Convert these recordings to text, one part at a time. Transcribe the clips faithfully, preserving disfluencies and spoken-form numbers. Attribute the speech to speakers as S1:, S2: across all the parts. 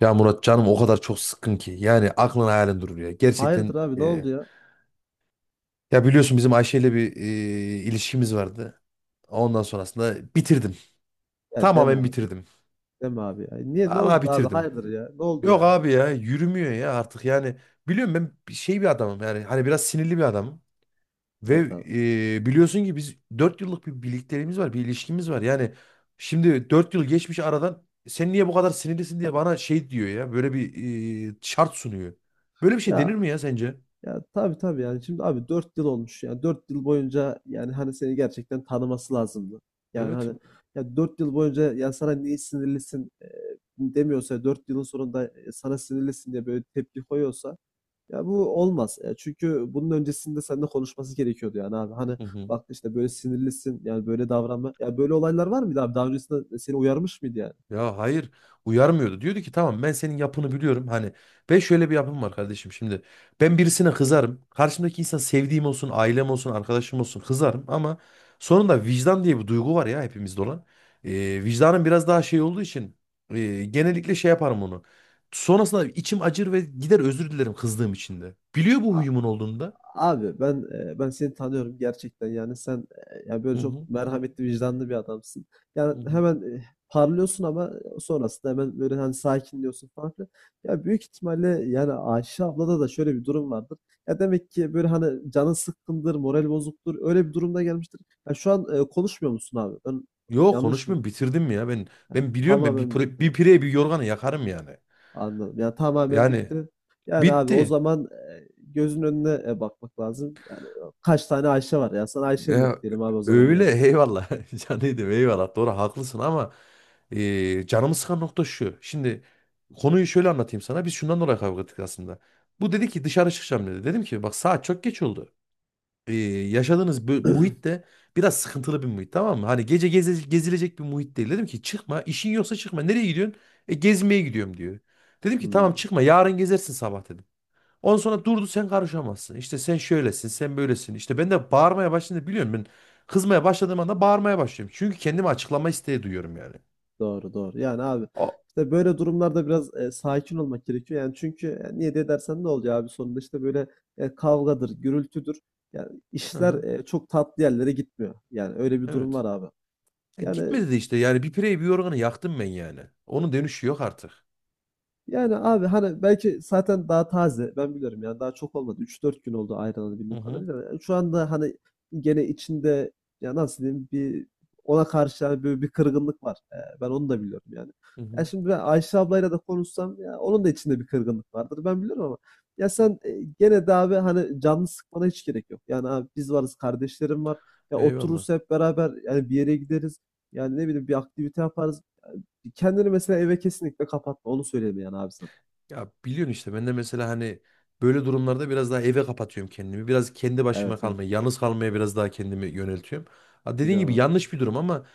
S1: Ya Murat canım, o kadar çok sıkkın ki. Yani aklın hayalin durur ya. Gerçekten
S2: Hayırdır abi ne
S1: e,
S2: oldu ya?
S1: ya biliyorsun bizim Ayşe ile bir e, ilişkimiz vardı. Ondan sonrasında bitirdim.
S2: Ya deme
S1: Tamamen
S2: abi.
S1: bitirdim.
S2: Deme abi ya. Niye ne oldu
S1: Vallahi
S2: da abi?
S1: bitirdim.
S2: Hayırdır ya. Ne oldu
S1: Yok
S2: yani?
S1: abi, ya yürümüyor ya artık yani. Biliyorum, ben bir şey bir adamım yani, hani biraz sinirli bir adamım. Ve
S2: Evet abi.
S1: e, biliyorsun ki biz dört yıllık bir birlikteliğimiz var, bir ilişkimiz var. Yani şimdi dört yıl geçmiş aradan, sen niye bu kadar sinirlisin diye bana şey diyor ya, böyle bir e, şart sunuyor. Böyle bir şey denir
S2: Ya
S1: mi ya sence?
S2: ya tabii tabii yani şimdi abi dört yıl olmuş ya. Dört yıl boyunca yani hani seni gerçekten tanıması lazımdı. Yani
S1: Evet.
S2: hani ya dört yıl boyunca ya sana niye sinirlisin e, demiyorsa dört yılın sonunda e, sana sinirlisin diye böyle tepki koyuyorsa ya bu olmaz. E, çünkü bunun öncesinde seninle konuşması gerekiyordu yani abi. Hani
S1: Hı hı.
S2: bak işte böyle sinirlisin yani böyle davranma. Ya böyle olaylar var mıydı abi? Daha öncesinde seni uyarmış mıydı yani?
S1: Ya hayır, uyarmıyordu. Diyordu ki tamam, ben senin yapını biliyorum. Hani ben şöyle bir yapım var kardeşim şimdi. Ben birisine kızarım. Karşımdaki insan sevdiğim olsun, ailem olsun, arkadaşım olsun, kızarım. Ama sonunda vicdan diye bir duygu var ya, hepimizde olan. Ee, vicdanım biraz daha şey olduğu için e, genellikle şey yaparım onu. Sonrasında içim acır ve gider özür dilerim kızdığım için de. Biliyor bu
S2: A-
S1: huyumun olduğunu da.
S2: Abi ben e, ben seni tanıyorum gerçekten yani sen e, ya böyle
S1: Hı
S2: çok
S1: hı.
S2: merhametli vicdanlı bir adamsın. Yani
S1: Hı hı.
S2: hemen e, parlıyorsun ama sonrasında hemen böyle hani sakinliyorsun falan filan. Ya büyük ihtimalle yani Ayşe ablada da şöyle bir durum vardır. Ya demek ki böyle hani canın sıkkındır, moral bozuktur öyle bir durumda gelmiştir. Ya şu an e, konuşmuyor musun abi? Ben
S1: Yok,
S2: yanlış mı?
S1: konuşmayayım, bitirdim ya ben.
S2: Yani
S1: Ben biliyorum, ben bir
S2: tamamen
S1: pire,
S2: bitti.
S1: bir pireye bir yorganı yakarım yani.
S2: Anladım. Ya tamamen
S1: Yani
S2: bitti. Yani abi o
S1: bitti.
S2: zaman e, gözün önüne e, bakmak lazım. Yani e, kaç tane Ayşe var ya? Sana Ayşe'm yok
S1: Ya,
S2: diyelim abi o zaman
S1: öyle
S2: yani.
S1: eyvallah. Canıydım eyvallah. Doğru, haklısın ama e, canımı sıkan nokta şu. Şimdi konuyu şöyle anlatayım sana. Biz şundan dolayı kavga ettik aslında. Bu dedi ki dışarı çıkacağım dedi. Dedim ki bak saat çok geç oldu. E, yaşadığınız bö- muhit de biraz sıkıntılı bir muhit, tamam mı? Hani gece geze- gezilecek bir muhit değil. Dedim ki çıkma, işin yoksa çıkma. Nereye gidiyorsun? E, gezmeye gidiyorum diyor. Dedim ki
S2: Hmm,
S1: tamam, çıkma, yarın gezersin sabah dedim. Ondan sonra durdu, sen karışamazsın. İşte sen şöylesin, sen böylesin. İşte ben de bağırmaya başlayınca biliyorum ben kızmaya başladığım anda bağırmaya başlıyorum. Çünkü kendimi açıklama isteği duyuyorum yani.
S2: doğru doğru. Yani abi
S1: O,
S2: işte böyle durumlarda biraz e, sakin olmak gerekiyor. Yani çünkü e, niye de dersen ne olacak abi sonunda işte böyle e, kavgadır, gürültüdür. Yani
S1: hı
S2: işler
S1: hı,
S2: e, çok tatlı yerlere gitmiyor. Yani öyle bir durum
S1: evet.
S2: var abi.
S1: E,
S2: Yani
S1: gitmedi de işte, yani bir pireyi bir yorganı yaktım ben yani. Onun dönüşü yok artık.
S2: Yani abi hani belki zaten daha taze. Ben biliyorum yani daha çok olmadı. Üç dört gün oldu ayrılalı
S1: Hı
S2: bildiğim
S1: hı,
S2: kadarıyla. Yani şu anda hani gene içinde ya nasıl diyeyim bir ona karşı yani böyle bir kırgınlık var. Ee, ben onu da biliyorum yani.
S1: hı
S2: Ya
S1: hı.
S2: şimdi ben Ayşe ablayla da konuşsam ya onun da içinde bir kırgınlık vardır. Ben biliyorum ama ya sen e, gene de abi hani canını sıkmana hiç gerek yok. Yani abi biz varız, kardeşlerim var. Ya
S1: Eyvallah.
S2: otururuz hep beraber yani bir yere gideriz. Yani ne bileyim bir aktivite yaparız. Kendini mesela eve kesinlikle kapatma. Onu söyleyeyim yani abi sana.
S1: Ya biliyorsun işte ben de mesela hani böyle durumlarda biraz daha eve kapatıyorum kendimi. Biraz kendi başıma
S2: Evet evet.
S1: kalmaya, yalnız kalmaya biraz daha kendimi yöneltiyorum. Ha, dediğin
S2: Biliyorum
S1: gibi
S2: abi.
S1: yanlış bir durum ama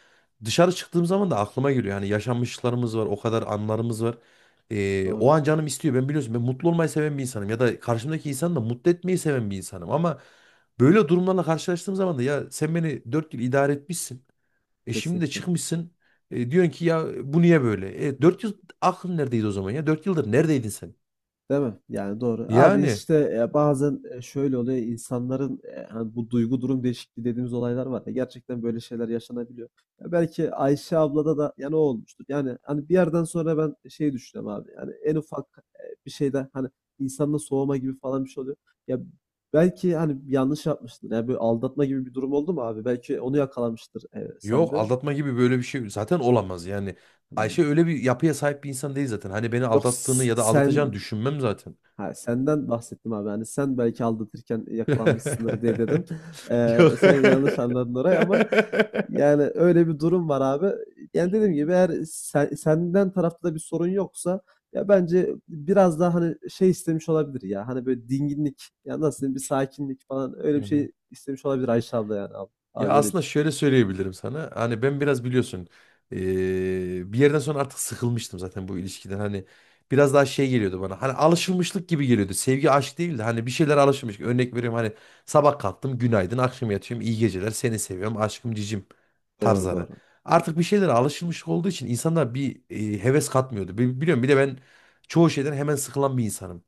S1: dışarı çıktığım zaman da aklıma geliyor. Hani yaşanmışlıklarımız var, o kadar anlarımız var. Ee, o
S2: Doğru.
S1: an canım istiyor. Ben biliyorsun ben mutlu olmayı seven bir insanım, ya da karşımdaki insanı da mutlu etmeyi seven bir insanım. Ama böyle durumlarla karşılaştığım zaman da, ya sen beni dört yıl idare etmişsin. E şimdi de
S2: Kesinlikle.
S1: çıkmışsın. E, diyorsun ki ya bu niye böyle? E, dört yıl aklın neredeydi o zaman ya? dört yıldır neredeydin sen?
S2: Değil mi? Yani doğru. Abi
S1: Yani
S2: işte e, bazen e, şöyle oluyor, insanların e, hani bu duygu durum değişikliği dediğimiz olaylar var ya. Gerçekten böyle şeyler yaşanabiliyor. Ya belki Ayşe ablada da yani o olmuştur. Yani hani bir yerden sonra ben şey düşünüyorum abi. Yani en ufak e, bir şeyde hani insanla soğuma gibi falan bir şey oluyor. Ya belki hani yanlış yapmıştır. Yani böyle aldatma gibi bir durum oldu mu abi? Belki onu yakalamıştır e,
S1: yok,
S2: sende.
S1: aldatma gibi böyle bir şey zaten olamaz yani. Ayşe
S2: Hmm.
S1: öyle bir yapıya sahip bir insan değil zaten. Hani beni
S2: Yok
S1: aldattığını
S2: s-
S1: ya da
S2: sen
S1: aldatacağını düşünmem zaten.
S2: ha, senden bahsettim abi. Hani sen belki aldatırken yakalanmışsındır diye dedim.
S1: Yok.
S2: Ee, sen yanlış anladın orayı ama yani öyle bir durum var abi. Yani dediğim gibi eğer sen, senden tarafta da bir sorun yoksa ya bence biraz daha hani şey istemiş olabilir ya. Hani böyle dinginlik ya nasıl diyeyim bir sakinlik falan öyle
S1: Hı
S2: bir
S1: hı.
S2: şey istemiş olabilir Ayşe abla yani abi.
S1: Ya
S2: Abi öyle
S1: aslında
S2: diyeyim.
S1: şöyle söyleyebilirim sana. Hani ben biraz biliyorsun eee, bir yerden sonra artık sıkılmıştım zaten bu ilişkiden. Hani biraz daha şey geliyordu bana. Hani alışılmışlık gibi geliyordu. Sevgi aşk değildi. Hani bir şeyler alışılmış. Örnek veriyorum, hani sabah kalktım günaydın, akşam yatıyorum iyi geceler, seni seviyorum aşkım cicim
S2: Doğru
S1: tarzları.
S2: doğru.
S1: Artık bir şeylere alışılmış olduğu için insanlar bir eee, heves katmıyordu. Bi- Biliyorum, bir de ben çoğu şeyden hemen sıkılan bir insanım.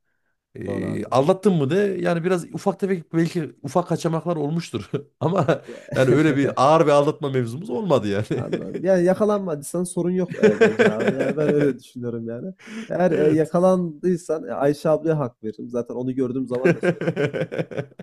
S2: Doğru
S1: Ee,
S2: abi.
S1: aldattın mı de, yani biraz ufak tefek belki ufak kaçamaklar olmuştur. Ama
S2: Ya.
S1: yani öyle bir ağır bir aldatma mevzumuz olmadı yani.
S2: Anladım. Yani yakalanmadıysan sorun yok, eee, bence abi. Yani, ben öyle düşünüyorum yani. Eğer, eee,
S1: Evet.
S2: yakalandıysan, eee, Ayşe ablaya hak veririm. Zaten onu gördüğüm zaman da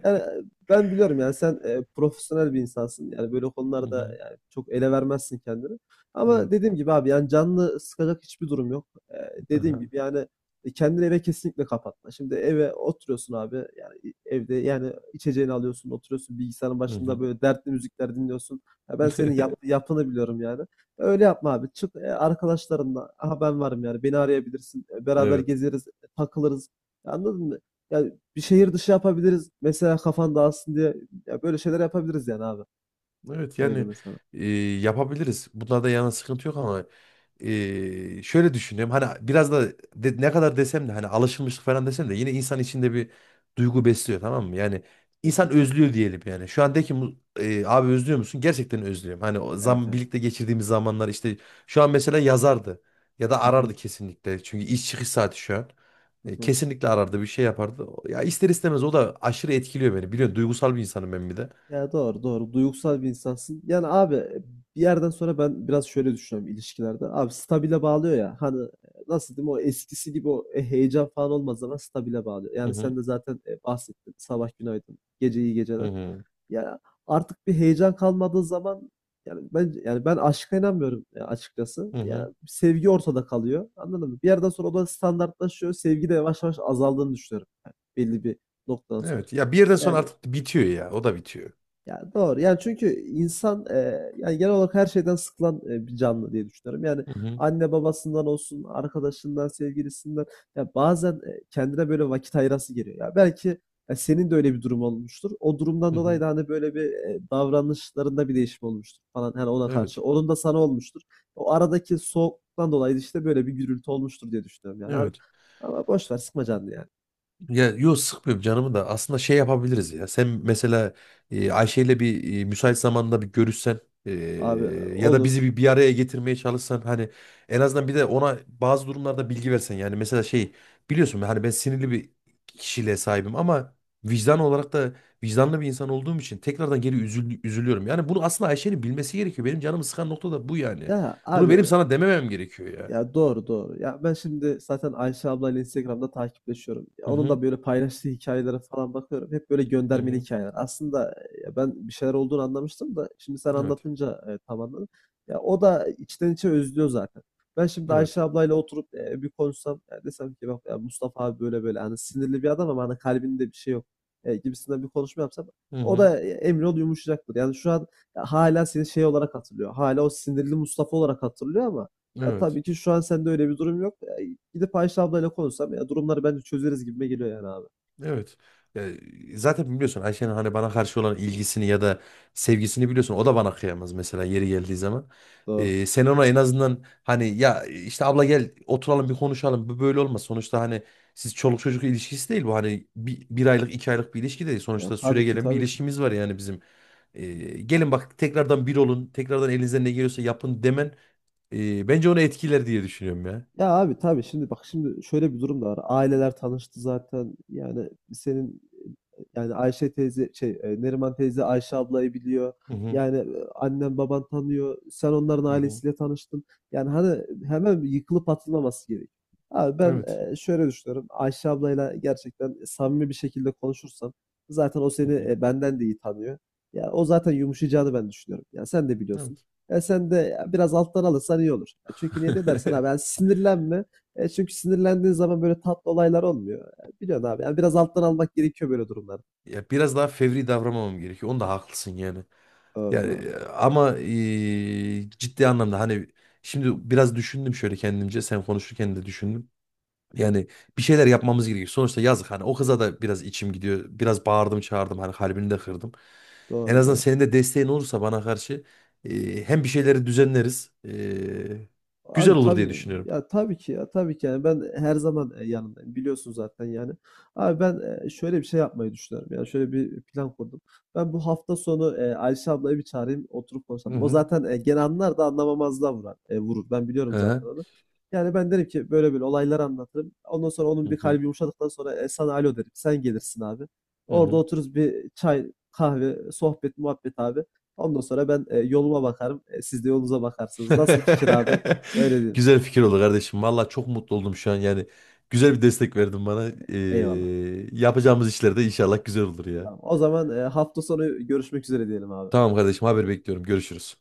S2: yani, e, ben biliyorum yani sen, eee, profesyonel bir insansın. Yani böyle
S1: Hı
S2: konularda
S1: hı,
S2: yani çok ele vermezsin kendini. Ama
S1: evet.
S2: dediğim gibi abi yani canını sıkacak hiçbir durum yok. Eee, dediğim
S1: Aha,
S2: gibi yani, e, kendini eve kesinlikle kapatma. Şimdi eve oturuyorsun abi, yani evde yani içeceğini alıyorsun, oturuyorsun bilgisayarın
S1: hı
S2: başında
S1: hı.
S2: böyle dertli müzikler dinliyorsun. Ya ben senin yap yapını biliyorum yani. E, Öyle yapma abi. Çık, eee, arkadaşlarınla, aha ben varım yani beni arayabilirsin, eee, beraber
S1: Evet.
S2: gezeriz, e, takılırız. Anladın mı? Ya bir şehir dışı yapabiliriz. Mesela kafan dağılsın diye ya böyle şeyler yapabiliriz yani abi.
S1: Evet
S2: Öyle deme
S1: yani
S2: mesela.
S1: e, yapabiliriz. Bunlarda yana sıkıntı yok ama e, şöyle düşünüyorum. Hani biraz da de- ne kadar desem de hani alışılmışlık falan desem de, yine insan içinde bir duygu besliyor, tamam mı? Yani insan
S2: Kesinlikle.
S1: özlüyor diyelim yani. Şu an de ki mu- e, abi özlüyor musun? Gerçekten özlüyorum. Hani o
S2: Evet
S1: zam
S2: evet.
S1: birlikte geçirdiğimiz zamanlar işte, şu an mesela yazardı ya da
S2: Hı
S1: arardı
S2: hı,
S1: kesinlikle. Çünkü iş çıkış saati şu an.
S2: hı
S1: E,
S2: hı.
S1: kesinlikle arardı, bir şey yapardı. Ya ister istemez o da aşırı etkiliyor beni. Biliyorsun, duygusal bir insanım ben bir de.
S2: Ya doğru doğru. Duygusal bir insansın. Yani abi e, bir yerden sonra ben biraz şöyle düşünüyorum ilişkilerde. Abi stabile bağlıyor ya. Hani e, nasıl diyeyim o eskisi gibi o e, heyecan falan olmaz ama stabile bağlıyor.
S1: Hı
S2: Yani sen
S1: hı.
S2: de zaten e, bahsettin. Sabah günaydın. Gece iyi
S1: Hı
S2: geceler.
S1: hı.
S2: Ya, artık bir heyecan kalmadığı zaman yani ben yani ben aşka inanmıyorum ya açıkçası.
S1: Hı
S2: Ya
S1: hı.
S2: sevgi ortada kalıyor. Anladın mı? Bir yerden sonra o da standartlaşıyor. Sevgi de yavaş yavaş azaldığını düşünüyorum. Yani belli bir noktadan sonra.
S1: Evet. Ya bir yerden sonra
S2: Yani
S1: artık bitiyor ya. O da bitiyor.
S2: ya doğru. Yani çünkü insan eee, yani genel olarak her şeyden sıkılan eee, bir canlı diye düşünüyorum. Yani
S1: Hı hı.
S2: anne babasından olsun, arkadaşından, sevgilisinden ya bazen eee, kendine böyle vakit ayırası geliyor. Ya belki ya senin de öyle bir durum olmuştur. O
S1: Hı
S2: durumdan dolayı
S1: hı.
S2: da hani böyle bir eee, davranışlarında bir değişim olmuştur falan hani ona
S1: Evet.
S2: karşı. Onun da sana olmuştur. O aradaki soğuktan dolayı da işte böyle bir gürültü olmuştur diye düşünüyorum yani abi.
S1: Evet.
S2: Ama boş ver sıkma canını yani.
S1: Ya yok, sıkmıyorum canımı, da aslında şey yapabiliriz ya. Sen mesela e, Ayşe'yle bir e, müsait zamanda bir görüşsen e,
S2: Abi
S1: ya da bizi
S2: olur.
S1: bir, bir araya getirmeye çalışsan, hani en azından bir de ona bazı durumlarda bilgi versen yani, mesela şey, biliyorsun hani ben sinirli bir kişiliğe sahibim ama vicdan olarak da vicdanlı bir insan olduğum için tekrardan geri üzül- üzülüyorum. Yani bunu aslında Ayşe'nin bilmesi gerekiyor. Benim canımı sıkan nokta da bu yani.
S2: Ya
S1: Bunu
S2: abi.
S1: benim sana dememem gerekiyor ya.
S2: Ya doğru doğru. Ya ben şimdi zaten Ayşe ablayla Instagram'da takipleşiyorum. Ya
S1: Hı
S2: onun
S1: hı.
S2: da böyle paylaştığı hikayelere falan bakıyorum. Hep böyle
S1: Hı
S2: göndermeli
S1: hı.
S2: hikayeler. Aslında e, ya ben bir şeyler olduğunu anlamıştım da şimdi sen
S1: Evet.
S2: anlatınca e, tam anladım. Ya o da içten içe özlüyor zaten. Ben şimdi Ayşe
S1: Evet.
S2: ablayla oturup e, bir konuşsam ya desem ki bak ya Mustafa abi böyle böyle hani sinirli bir adam ama hani kalbinde bir şey yok e, gibisinden bir konuşma yapsam
S1: Hı
S2: o
S1: hı.
S2: da e, emin ol yumuşacaktır. Yani şu an ya hala seni şey olarak hatırlıyor. Hala o sinirli Mustafa olarak hatırlıyor ama ya,
S1: Evet.
S2: tabii ki şu an sende öyle bir durum yok. Ya, gidip Ayşe ablayla konuşsam ya durumları bence çözeriz gibime geliyor yani abi.
S1: Evet. Ya, zaten biliyorsun Ayşe'nin hani bana karşı olan ilgisini ya da sevgisini biliyorsun. O da bana kıyamaz mesela yeri geldiği zaman.
S2: Doğru.
S1: Ee, sen ona en azından hani ya işte abla gel oturalım bir konuşalım. Bu böyle olmaz. Sonuçta hani siz çoluk çocuk ilişkisi değil bu. Hani bir, bir aylık iki aylık bir ilişki değil.
S2: Ya,
S1: Sonuçta
S2: tabii ki
S1: süregelen bir
S2: tabii ki.
S1: ilişkimiz var yani bizim. Ee, Gelin bak, tekrardan bir olun. Tekrardan elinizden ne geliyorsa yapın demen e, bence onu etkiler diye düşünüyorum ya.
S2: Ya abi tabii şimdi bak şimdi şöyle bir durum da var. Aileler tanıştı zaten. Yani senin e, yani Ayşe teyze şey e, Neriman teyze Ayşe ablayı biliyor.
S1: Hı hı.
S2: Yani e, annen baban tanıyor. Sen onların
S1: Hı hı.
S2: ailesiyle tanıştın. Yani hani hemen yıkılıp atılmaması gerek. Abi ben
S1: Evet.
S2: e, şöyle düşünüyorum. Ayşe ablayla gerçekten samimi bir şekilde konuşursam zaten o
S1: Hı
S2: seni
S1: hı.
S2: e, benden de iyi tanıyor. Ya o zaten yumuşayacağını ben düşünüyorum. Ya sen de biliyorsun.
S1: Evet.
S2: E, sen de biraz alttan alırsan iyi olur. E, çünkü niye de dersen abi yani sinirlenme. E, çünkü sinirlendiğin zaman böyle tatlı olaylar olmuyor. E, biliyorsun abi yani biraz alttan almak gerekiyor böyle durumlarda.
S1: Ya biraz daha fevri davranmamam gerekiyor. Onda haklısın yani.
S2: Doğru
S1: Yani
S2: doğru.
S1: e, ama e, ciddi anlamda hani şimdi biraz düşündüm şöyle kendimce. Sen konuşurken de düşündüm. Yani bir şeyler yapmamız gerekiyor. Sonuçta yazık, hani o kıza da biraz içim gidiyor. Biraz bağırdım çağırdım, hani kalbini de kırdım. En
S2: Doğru
S1: azından
S2: doğru.
S1: senin de desteğin olursa bana karşı e, hem bir şeyleri düzenleriz. E, güzel
S2: Abi
S1: olur diye
S2: tabii
S1: düşünüyorum.
S2: ya tabii ki ya tabii ki yani ben her zaman e, yanındayım biliyorsun zaten yani. Abi ben e, şöyle bir şey yapmayı düşünüyorum yani şöyle bir plan kurdum. Ben bu hafta sonu e, Ayşe ablayı bir çağırayım oturup
S1: Hı
S2: konuşalım. O
S1: hı.
S2: zaten e, gene anlar da anlamamazlığa vurar, e, vurur ben
S1: Hı
S2: biliyorum zaten
S1: hı.
S2: onu. Yani ben derim ki böyle böyle olayları anlatırım. Ondan sonra
S1: Hı
S2: onun bir
S1: hı.
S2: kalbi yumuşadıktan sonra e, sana alo derim sen gelirsin abi.
S1: Hı
S2: Orada
S1: hı.
S2: otururuz bir çay kahve sohbet muhabbet abi. Ondan sonra ben e, yoluma bakarım. E, siz de yolunuza bakarsınız. Nasıl fikir abi? Öyle diyelim.
S1: Güzel fikir oldu kardeşim. Valla çok mutlu oldum şu an yani. Güzel bir destek verdin bana. Ee,
S2: Eyvallah.
S1: yapacağımız işler de
S2: Eyvallah.
S1: inşallah güzel olur ya.
S2: Tamam. O zaman e, hafta sonu görüşmek üzere diyelim abi.
S1: Tamam kardeşim, haber bekliyorum. Görüşürüz.